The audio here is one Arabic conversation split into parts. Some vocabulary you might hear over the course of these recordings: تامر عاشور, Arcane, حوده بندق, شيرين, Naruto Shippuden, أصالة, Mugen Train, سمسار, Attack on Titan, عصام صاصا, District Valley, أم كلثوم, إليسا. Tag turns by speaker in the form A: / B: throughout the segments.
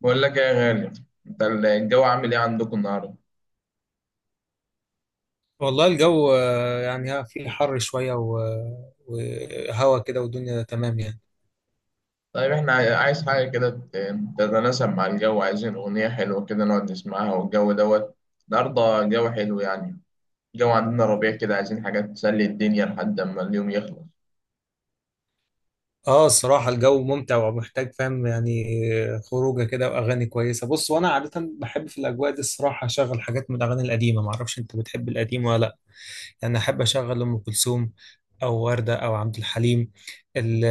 A: بقول لك إيه يا غالي. انت الجو عامل ايه عندكم النهارده؟
B: والله الجو، يعني ها في حر شوية وهوا كده والدنيا تمام يعني.
A: طيب احنا عايز حاجه كده تتناسب مع الجو، عايزين اغنيه حلوه كده نقعد نسمعها والجو دوت. النهارده الجو حلو يعني. الجو عندنا ربيع كده، عايزين حاجه تسلي الدنيا لحد اما اليوم يخلص.
B: اه، الصراحة الجو ممتع ومحتاج، فاهم يعني. خروجة كده وأغاني كويسة. بص، وأنا عادة بحب في الأجواء دي الصراحة أشغل حاجات من الأغاني القديمة. معرفش أنت بتحب القديم ولا لأ. يعني احب اشغل ام كلثوم او وردة او عبد الحليم. ال-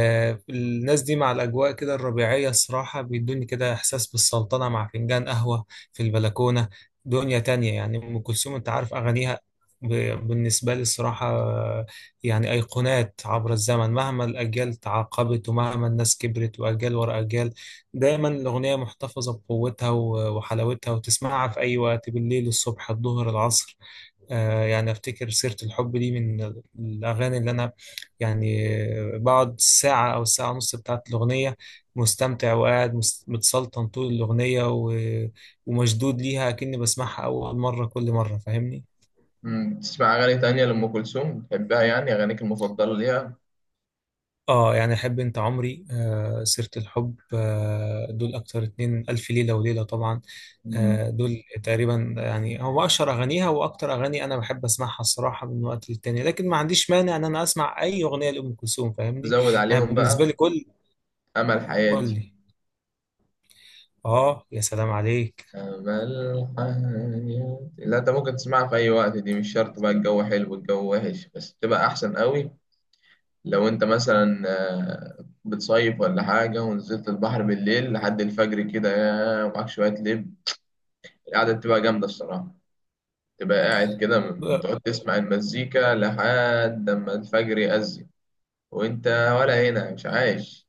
B: الناس دي مع الاجواء كده الربيعية الصراحة بيدوني كده احساس بالسلطنة مع فنجان قهوة في البلكونة. دنيا تانية يعني. ام كلثوم انت عارف اغانيها، بالنسبة لي الصراحة يعني أيقونات عبر الزمن. مهما الأجيال تعاقبت ومهما الناس كبرت وأجيال ورا أجيال، دايما الأغنية محتفظة بقوتها وحلاوتها، وتسمعها في أي وقت، بالليل الصبح الظهر العصر. يعني افتكر سيرة الحب دي من الاغاني اللي انا يعني بقعد ساعة او ساعة ونص بتاعت الاغنية مستمتع، وقاعد متسلطن طول الاغنية ومشدود ليها، كأني بسمعها اول مرة كل مرة، فاهمني.
A: تسمع اغاني تانية لأم كلثوم بتحبها؟ يعني اغانيك المفضله ليها.
B: اه يعني احب انت عمري، سيرة الحب، دول اكتر اتنين. الف ليلة وليلة طبعا.
A: مم،
B: دول تقريبا يعني هو اشهر اغانيها واكتر اغاني انا بحب اسمعها الصراحة من وقت للتاني. لكن ما عنديش مانع ان انا اسمع اي اغنية لام كلثوم، فاهمني.
A: زود
B: يعني
A: عليهم
B: بالنسبة لي
A: بقى.
B: كل...
A: امل
B: قول
A: حياتي.
B: لي. اه يا سلام عليك!
A: امل حياتي. لا انت ممكن تسمعها في اي وقت، دي مش شرط بقى الجو حلو الجو وحش، بس تبقى احسن قوي. لو انت مثلا بتصيف ولا حاجة ونزلت البحر بالليل لحد الفجر كده يا ومعاك شوية لب، القعدة بتبقى جامدة الصراحة. تبقى قاعد كده بتقعد تسمع المزيكا لحد ما الفجر يأذن وانت، ولا هنا مش عايش.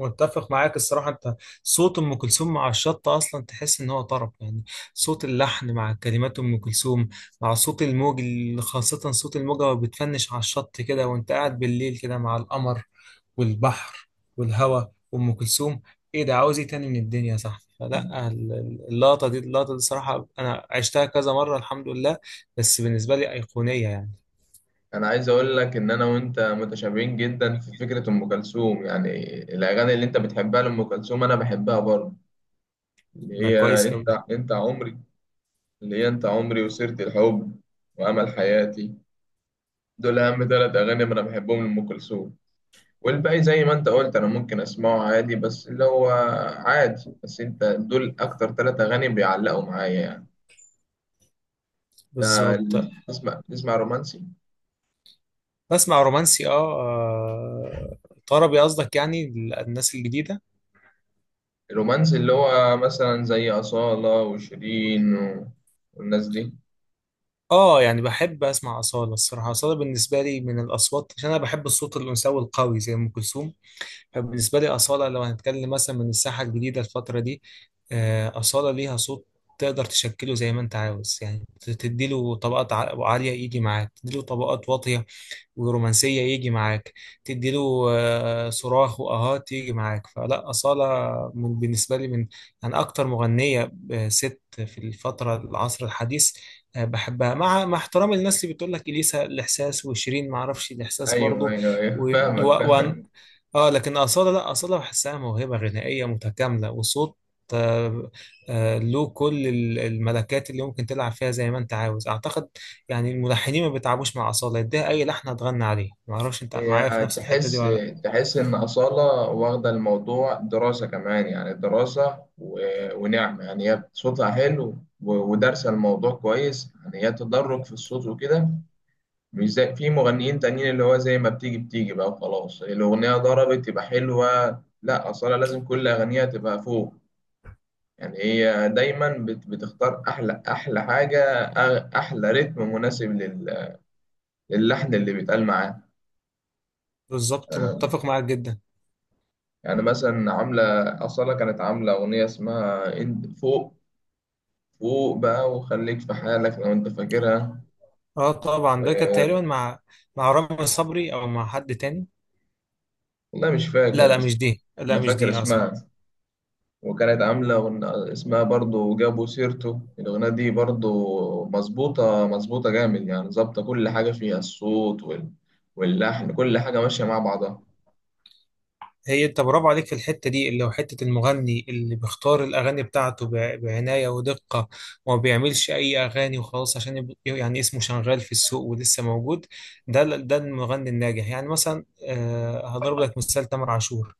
B: متفق معاك الصراحة. أنت صوت أم كلثوم مع الشط أصلا تحس إن هو طرب يعني. صوت اللحن مع كلمات أم كلثوم مع صوت الموج، خاصة صوت الموجة وهي بتفنش على الشط كده، وأنت قاعد بالليل كده مع القمر والبحر والهواء وأم كلثوم، إيه ده؟ عاوز إيه تاني من الدنيا يا صاحبي؟ فلا اللقطة دي، الصراحة أنا عشتها كذا مرة الحمد لله، بس بالنسبة لي أيقونية يعني.
A: انا عايز اقول لك ان انا وانت متشابهين جدا في فكرة ام كلثوم يعني. الاغاني اللي انت بتحبها لام كلثوم انا بحبها برضه، اللي
B: ده
A: هي
B: كويس
A: انت
B: أوي.
A: انت عمري، اللي هي انت عمري وسيرة الحب وامل حياتي. دول أهم 3 أغاني أنا بحبهم لأم كلثوم. والباقي زي ما أنت قلت أنا ممكن أسمعه عادي، بس اللي هو عادي. بس أنت دول أكتر 3 أغاني بيعلقوا معايا يعني.
B: بالظبط.
A: تسمع رومانسي؟
B: بسمع رومانسي، اه، طربي قصدك يعني. الناس الجديدة،
A: الرومانسي اللي هو مثلا زي أصالة وشيرين و... والناس دي.
B: اه يعني بحب اسمع أصالة الصراحة. أصالة بالنسبة لي من الأصوات، عشان أنا بحب الصوت الأنثوي القوي زي أم كلثوم. فبالنسبة لي أصالة لو هنتكلم مثلا من الساحة الجديدة الفترة دي، أصالة ليها صوت تقدر تشكله زي ما أنت عاوز يعني. تديله طبقات عالية يجي معاك، تديله طبقات واطية ورومانسية يجي معاك، تدي له صراخ وآهات يجي معاك. فلا، أصالة بالنسبة لي من يعني أكتر مغنية، ست في الفترة العصر الحديث، بحبها، مع احترامي للناس اللي بتقول لك إليسا الإحساس وشيرين. ما أعرفش الإحساس
A: أيوه
B: برضو
A: أيوه أيوه،
B: و... و...
A: فاهمك
B: و...
A: فاهمك.
B: آه، لكن أصالة لا، أصالة بحسها موهبة غنائية متكاملة وصوت، آه، له كل الملكات اللي ممكن تلعب فيها زي ما أنت عاوز أعتقد. يعني الملحنين ما بيتعبوش مع أصالة، يديها أي لحن هتغني عليه. ما أعرفش أنت معايا في
A: هي
B: نفس الحتة دي
A: تحس
B: ولا لأ.
A: تحس إن أصالة واخدة الموضوع دراسة كمان، يعني دراسة ونعمة. يعني هي صوتها حلو ودارسة الموضوع كويس. يعني هي تدرج في الصوت وكده، مش زي في مغنيين تانيين اللي هو زي ما بتيجي بتيجي بقى وخلاص الأغنية ضربت يبقى حلوة. لا، أصالة لازم كل أغنية تبقى فوق. يعني هي دايما بتختار أحلى حاجة، أحلى رتم مناسب للحن اللي بيتقال معاه.
B: بالظبط، متفق معاك جدا.
A: يعني مثلا عاملة، أصالة كانت عاملة أغنية اسمها انت فوق فوق بقى وخليك في حالك، لو أنت فاكرها.
B: أه طبعا، ده كانت
A: و...
B: تقريبا مع... مع رامي صبري أو مع حد تاني.
A: والله مش
B: لا
A: فاكر،
B: لا
A: بس
B: مش دي، لا
A: أنا
B: مش
A: فاكر
B: دي، أه
A: اسمها.
B: صح.
A: وكانت عاملة اسمها برضو جابوا سيرته، الأغنية دي برضو مظبوطة جامد، يعني ظابطة كل حاجة فيها، الصوت وال... واللحن، كل حاجة ماشية مع بعضها.
B: هي أنت برافو عليك في الحتة دي، اللي هو حتة المغني اللي بيختار الأغاني بتاعته بعناية ودقة، وما بيعملش أي أغاني وخلاص عشان يعني اسمه شغال في السوق ولسه موجود. ده ده المغني الناجح يعني. مثلا هضرب لك مثال، تامر عاشور.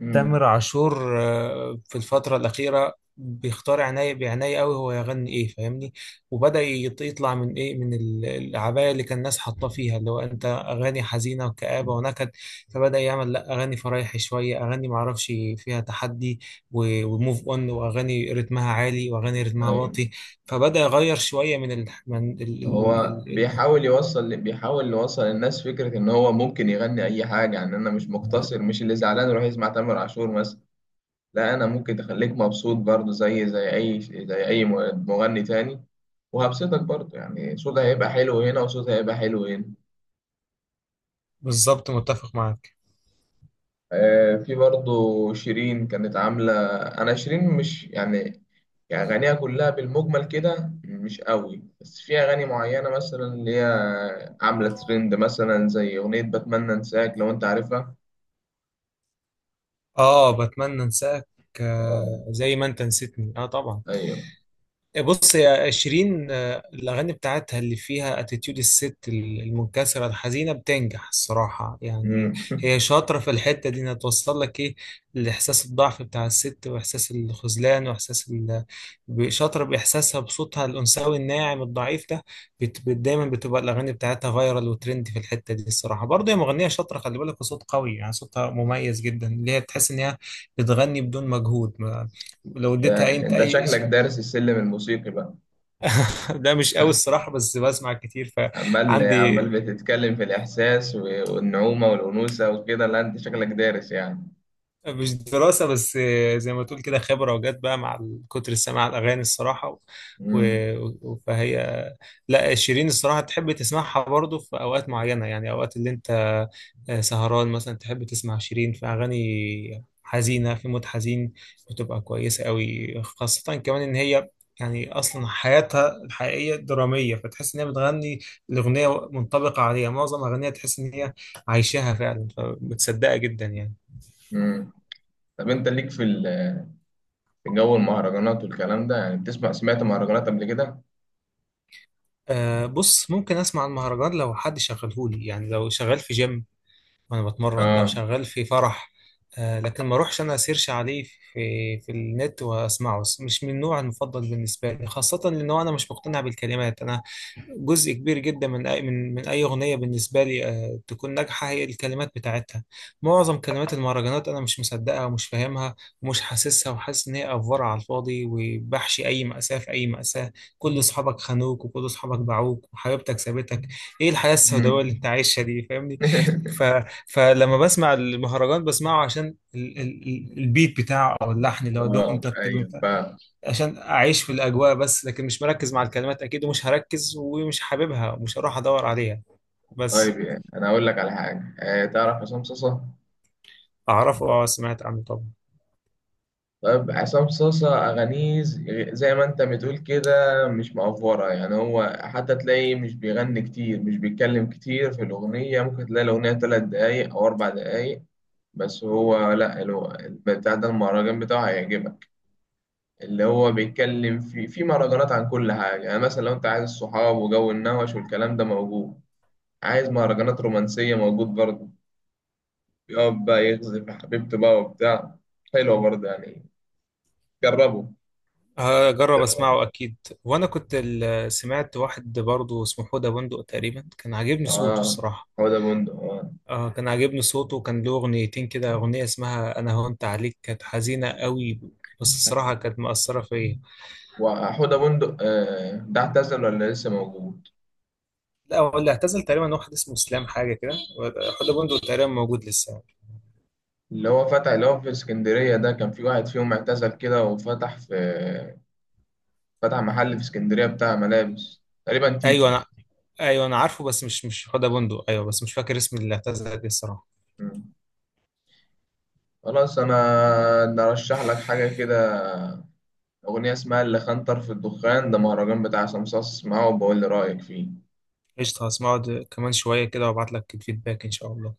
A: امم
B: تامر عاشور في الفترة الأخيرة بيختار عناية بعناية قوي هو يغني إيه فاهمني. وبدأ يطلع من إيه، من العباية اللي كان الناس حاطاه فيها، اللي هو أنت أغاني حزينة وكآبة ونكد. فبدأ يعمل لأ، أغاني فرايحي شوية، أغاني معرفش فيها تحدي وموف أون، وأغاني رتمها عالي وأغاني رتمها
A: أيوة.
B: واطي. فبدأ يغير شوية من ال... من ال... ال...
A: هو
B: ال... ال...
A: بيحاول يوصل، بيحاول يوصل للناس فكرة إن هو ممكن يغني أي حاجة. يعني أنا مش مقتصر، مش اللي زعلان يروح يسمع تامر عاشور مثلا. لا، أنا ممكن تخليك مبسوط برضه زي زي أي مغني تاني، وهبسطك برضه. يعني صوتها هيبقى حلو هنا وصوتها هيبقى حلو هنا.
B: بالظبط متفق معاك.
A: في برضه شيرين كانت عاملة، أنا شيرين مش يعني، يعني أغانيها كلها بالمجمل كده مش قوي، بس في أغاني معينة مثلا اللي هي عاملة ترند مثلا زي أغنية بتمنى أنساك، لو أنت عارفها.
B: آه بتمنى أنساك،
A: آه.
B: زي ما أنت نسيتني، آه طبعا.
A: أيوه.
B: بص يا شيرين، الأغاني بتاعتها اللي فيها اتيتيود الست المنكسرة الحزينة بتنجح الصراحة يعني.
A: مم.
B: هي شاطرة في الحتة دي، إنها توصل لك إيه، الإحساس، الضعف بتاع الست وإحساس الخذلان وإحساس شاطرة بإحساسها بصوتها الأنثوي الناعم الضعيف ده. دايما بتبقى الأغاني بتاعتها فايرال وترند في الحتة دي الصراحة برضه. هي مغنية شاطرة، خلي بالك، وصوت قوي يعني. صوتها مميز جدا، اللي هي تحس إن هي بتغني بدون مجهود. ما... لو
A: ده
B: اديتها أي أنت
A: أنت
B: أي...
A: شكلك دارس السلم الموسيقي بقى.
B: لا مش قوي الصراحة، بس بسمع كتير
A: عمال عمال
B: فعندي.
A: بتتكلم في الإحساس والنعومة والأنوثة وكده، لا أنت شكلك دارس يعني.
B: مش دراسة، بس زي ما تقول كده خبرة وجت بقى مع كتر السماع الأغاني الصراحة
A: مم.
B: فهي لا، شيرين الصراحة تحب تسمعها برضو في أوقات معينة. يعني أوقات اللي أنت سهران مثلا، تحب تسمع شيرين في أغاني حزينة في مود حزين، بتبقى كويسة قوي. خاصة كمان إن هي يعني أصلا حياتها الحقيقية درامية، فتحس إن هي بتغني الأغنية منطبقة عليها. معظم أغانيها تحس إن هي عايشاها فعلا فبتصدقها جدا يعني.
A: مم. طب أنت ليك في في جو المهرجانات والكلام ده يعني؟ بتسمع، سمعت مهرجانات قبل كده؟
B: أه بص، ممكن اسمع المهرجان لو حد شغلهولي يعني، لو شغال في جيم وانا بتمرن، لو
A: آه.
B: شغال في فرح، لكن ما اروحش انا اسيرش عليه في النت واسمعه. مش من النوع المفضل بالنسبه لي، خاصه لانه انا مش مقتنع بالكلمات. انا جزء كبير جدا من أي من أي أغنية بالنسبة لي تكون ناجحة هي الكلمات بتاعتها. معظم كلمات المهرجانات أنا مش مصدقها ومش فاهمها ومش حاسسها، وحاسس إن هي أفورة على الفاضي وبحشي أي مأساة في أي مأساة. كل أصحابك خانوك وكل أصحابك باعوك وحبيبتك سابتك، إيه الحياة السوداوية
A: مم.
B: اللي أنت عايشها دي؟ فاهمني. ف... فلما بسمع المهرجان بسمعه عشان البيت بتاعه او اللحن اللي هو دوم
A: اه
B: تك تك دوم
A: ايوه
B: تك،
A: فاهم.
B: عشان اعيش في الاجواء بس. لكن مش مركز مع الكلمات اكيد، ومش هركز ومش حاببها ومش هروح ادور عليها بس.
A: طيب يعني انا اقول لك على حاجه، آه تعرف عصام صاصا؟
B: اعرفه، اه، سمعت عنه طبعا.
A: طيب عصام صاصا اغانيه زي ما انت بتقول كده، مش مأفورة. يعني هو حتى تلاقيه مش بيغني كتير، مش بيتكلم كتير في الاغنيه، ممكن تلاقي الاغنيه 3 دقايق او 4 دقايق بس. هو لا، اللي هو بتاع ده، المهرجان بتاعه هيعجبك. اللي هو بيتكلم في مهرجانات عن كل حاجه، يعني مثلا لو انت عايز الصحاب وجو النوش والكلام ده موجود، عايز مهرجانات رومانسيه موجود برضه، يقعد بقى يغزل في حبيبته بقى وبتاع، حلوة برضه يعني. جربوا.
B: هجرب اسمعه اكيد. وانا كنت سمعت واحد برضه اسمه حوده بندق تقريبا، كان عاجبني صوته
A: اه،
B: الصراحه.
A: حوده بندق اه.
B: آه كان عاجبني صوته، وكان له اغنيتين كده. اغنيه اسمها انا هونت عليك، كانت حزينه قوي بس الصراحه كانت مأثره فيا.
A: وحوده بندق آه، ده اعتزل ولا لسه موجود؟
B: لا هو اللي اعتزل تقريبا واحد اسمه اسلام حاجه كده. حوده بندق تقريبا موجود لسه يعني.
A: اللي هو فتح، اللي هو في اسكندرية ده، كان في واحد فيهم اعتزل كده وفتح في، فتح محل في اسكندرية بتاع ملابس تقريبا،
B: ايوه
A: تيتو.
B: انا... ايوه انا عارفه، بس مش حوده بندق، ايوه بس مش فاكر اسم اللي اعتزل ايه الصراحه.
A: مم. خلاص، انا نرشح لك حاجة كده، اغنية اسمها اللي خنطر في الدخان، ده مهرجان بتاع سمسار، اسمعه وبقول لي رأيك فيه.
B: قشطه، هسمعه كمان شويه كده وابعت لك الفيدباك ان شاء الله.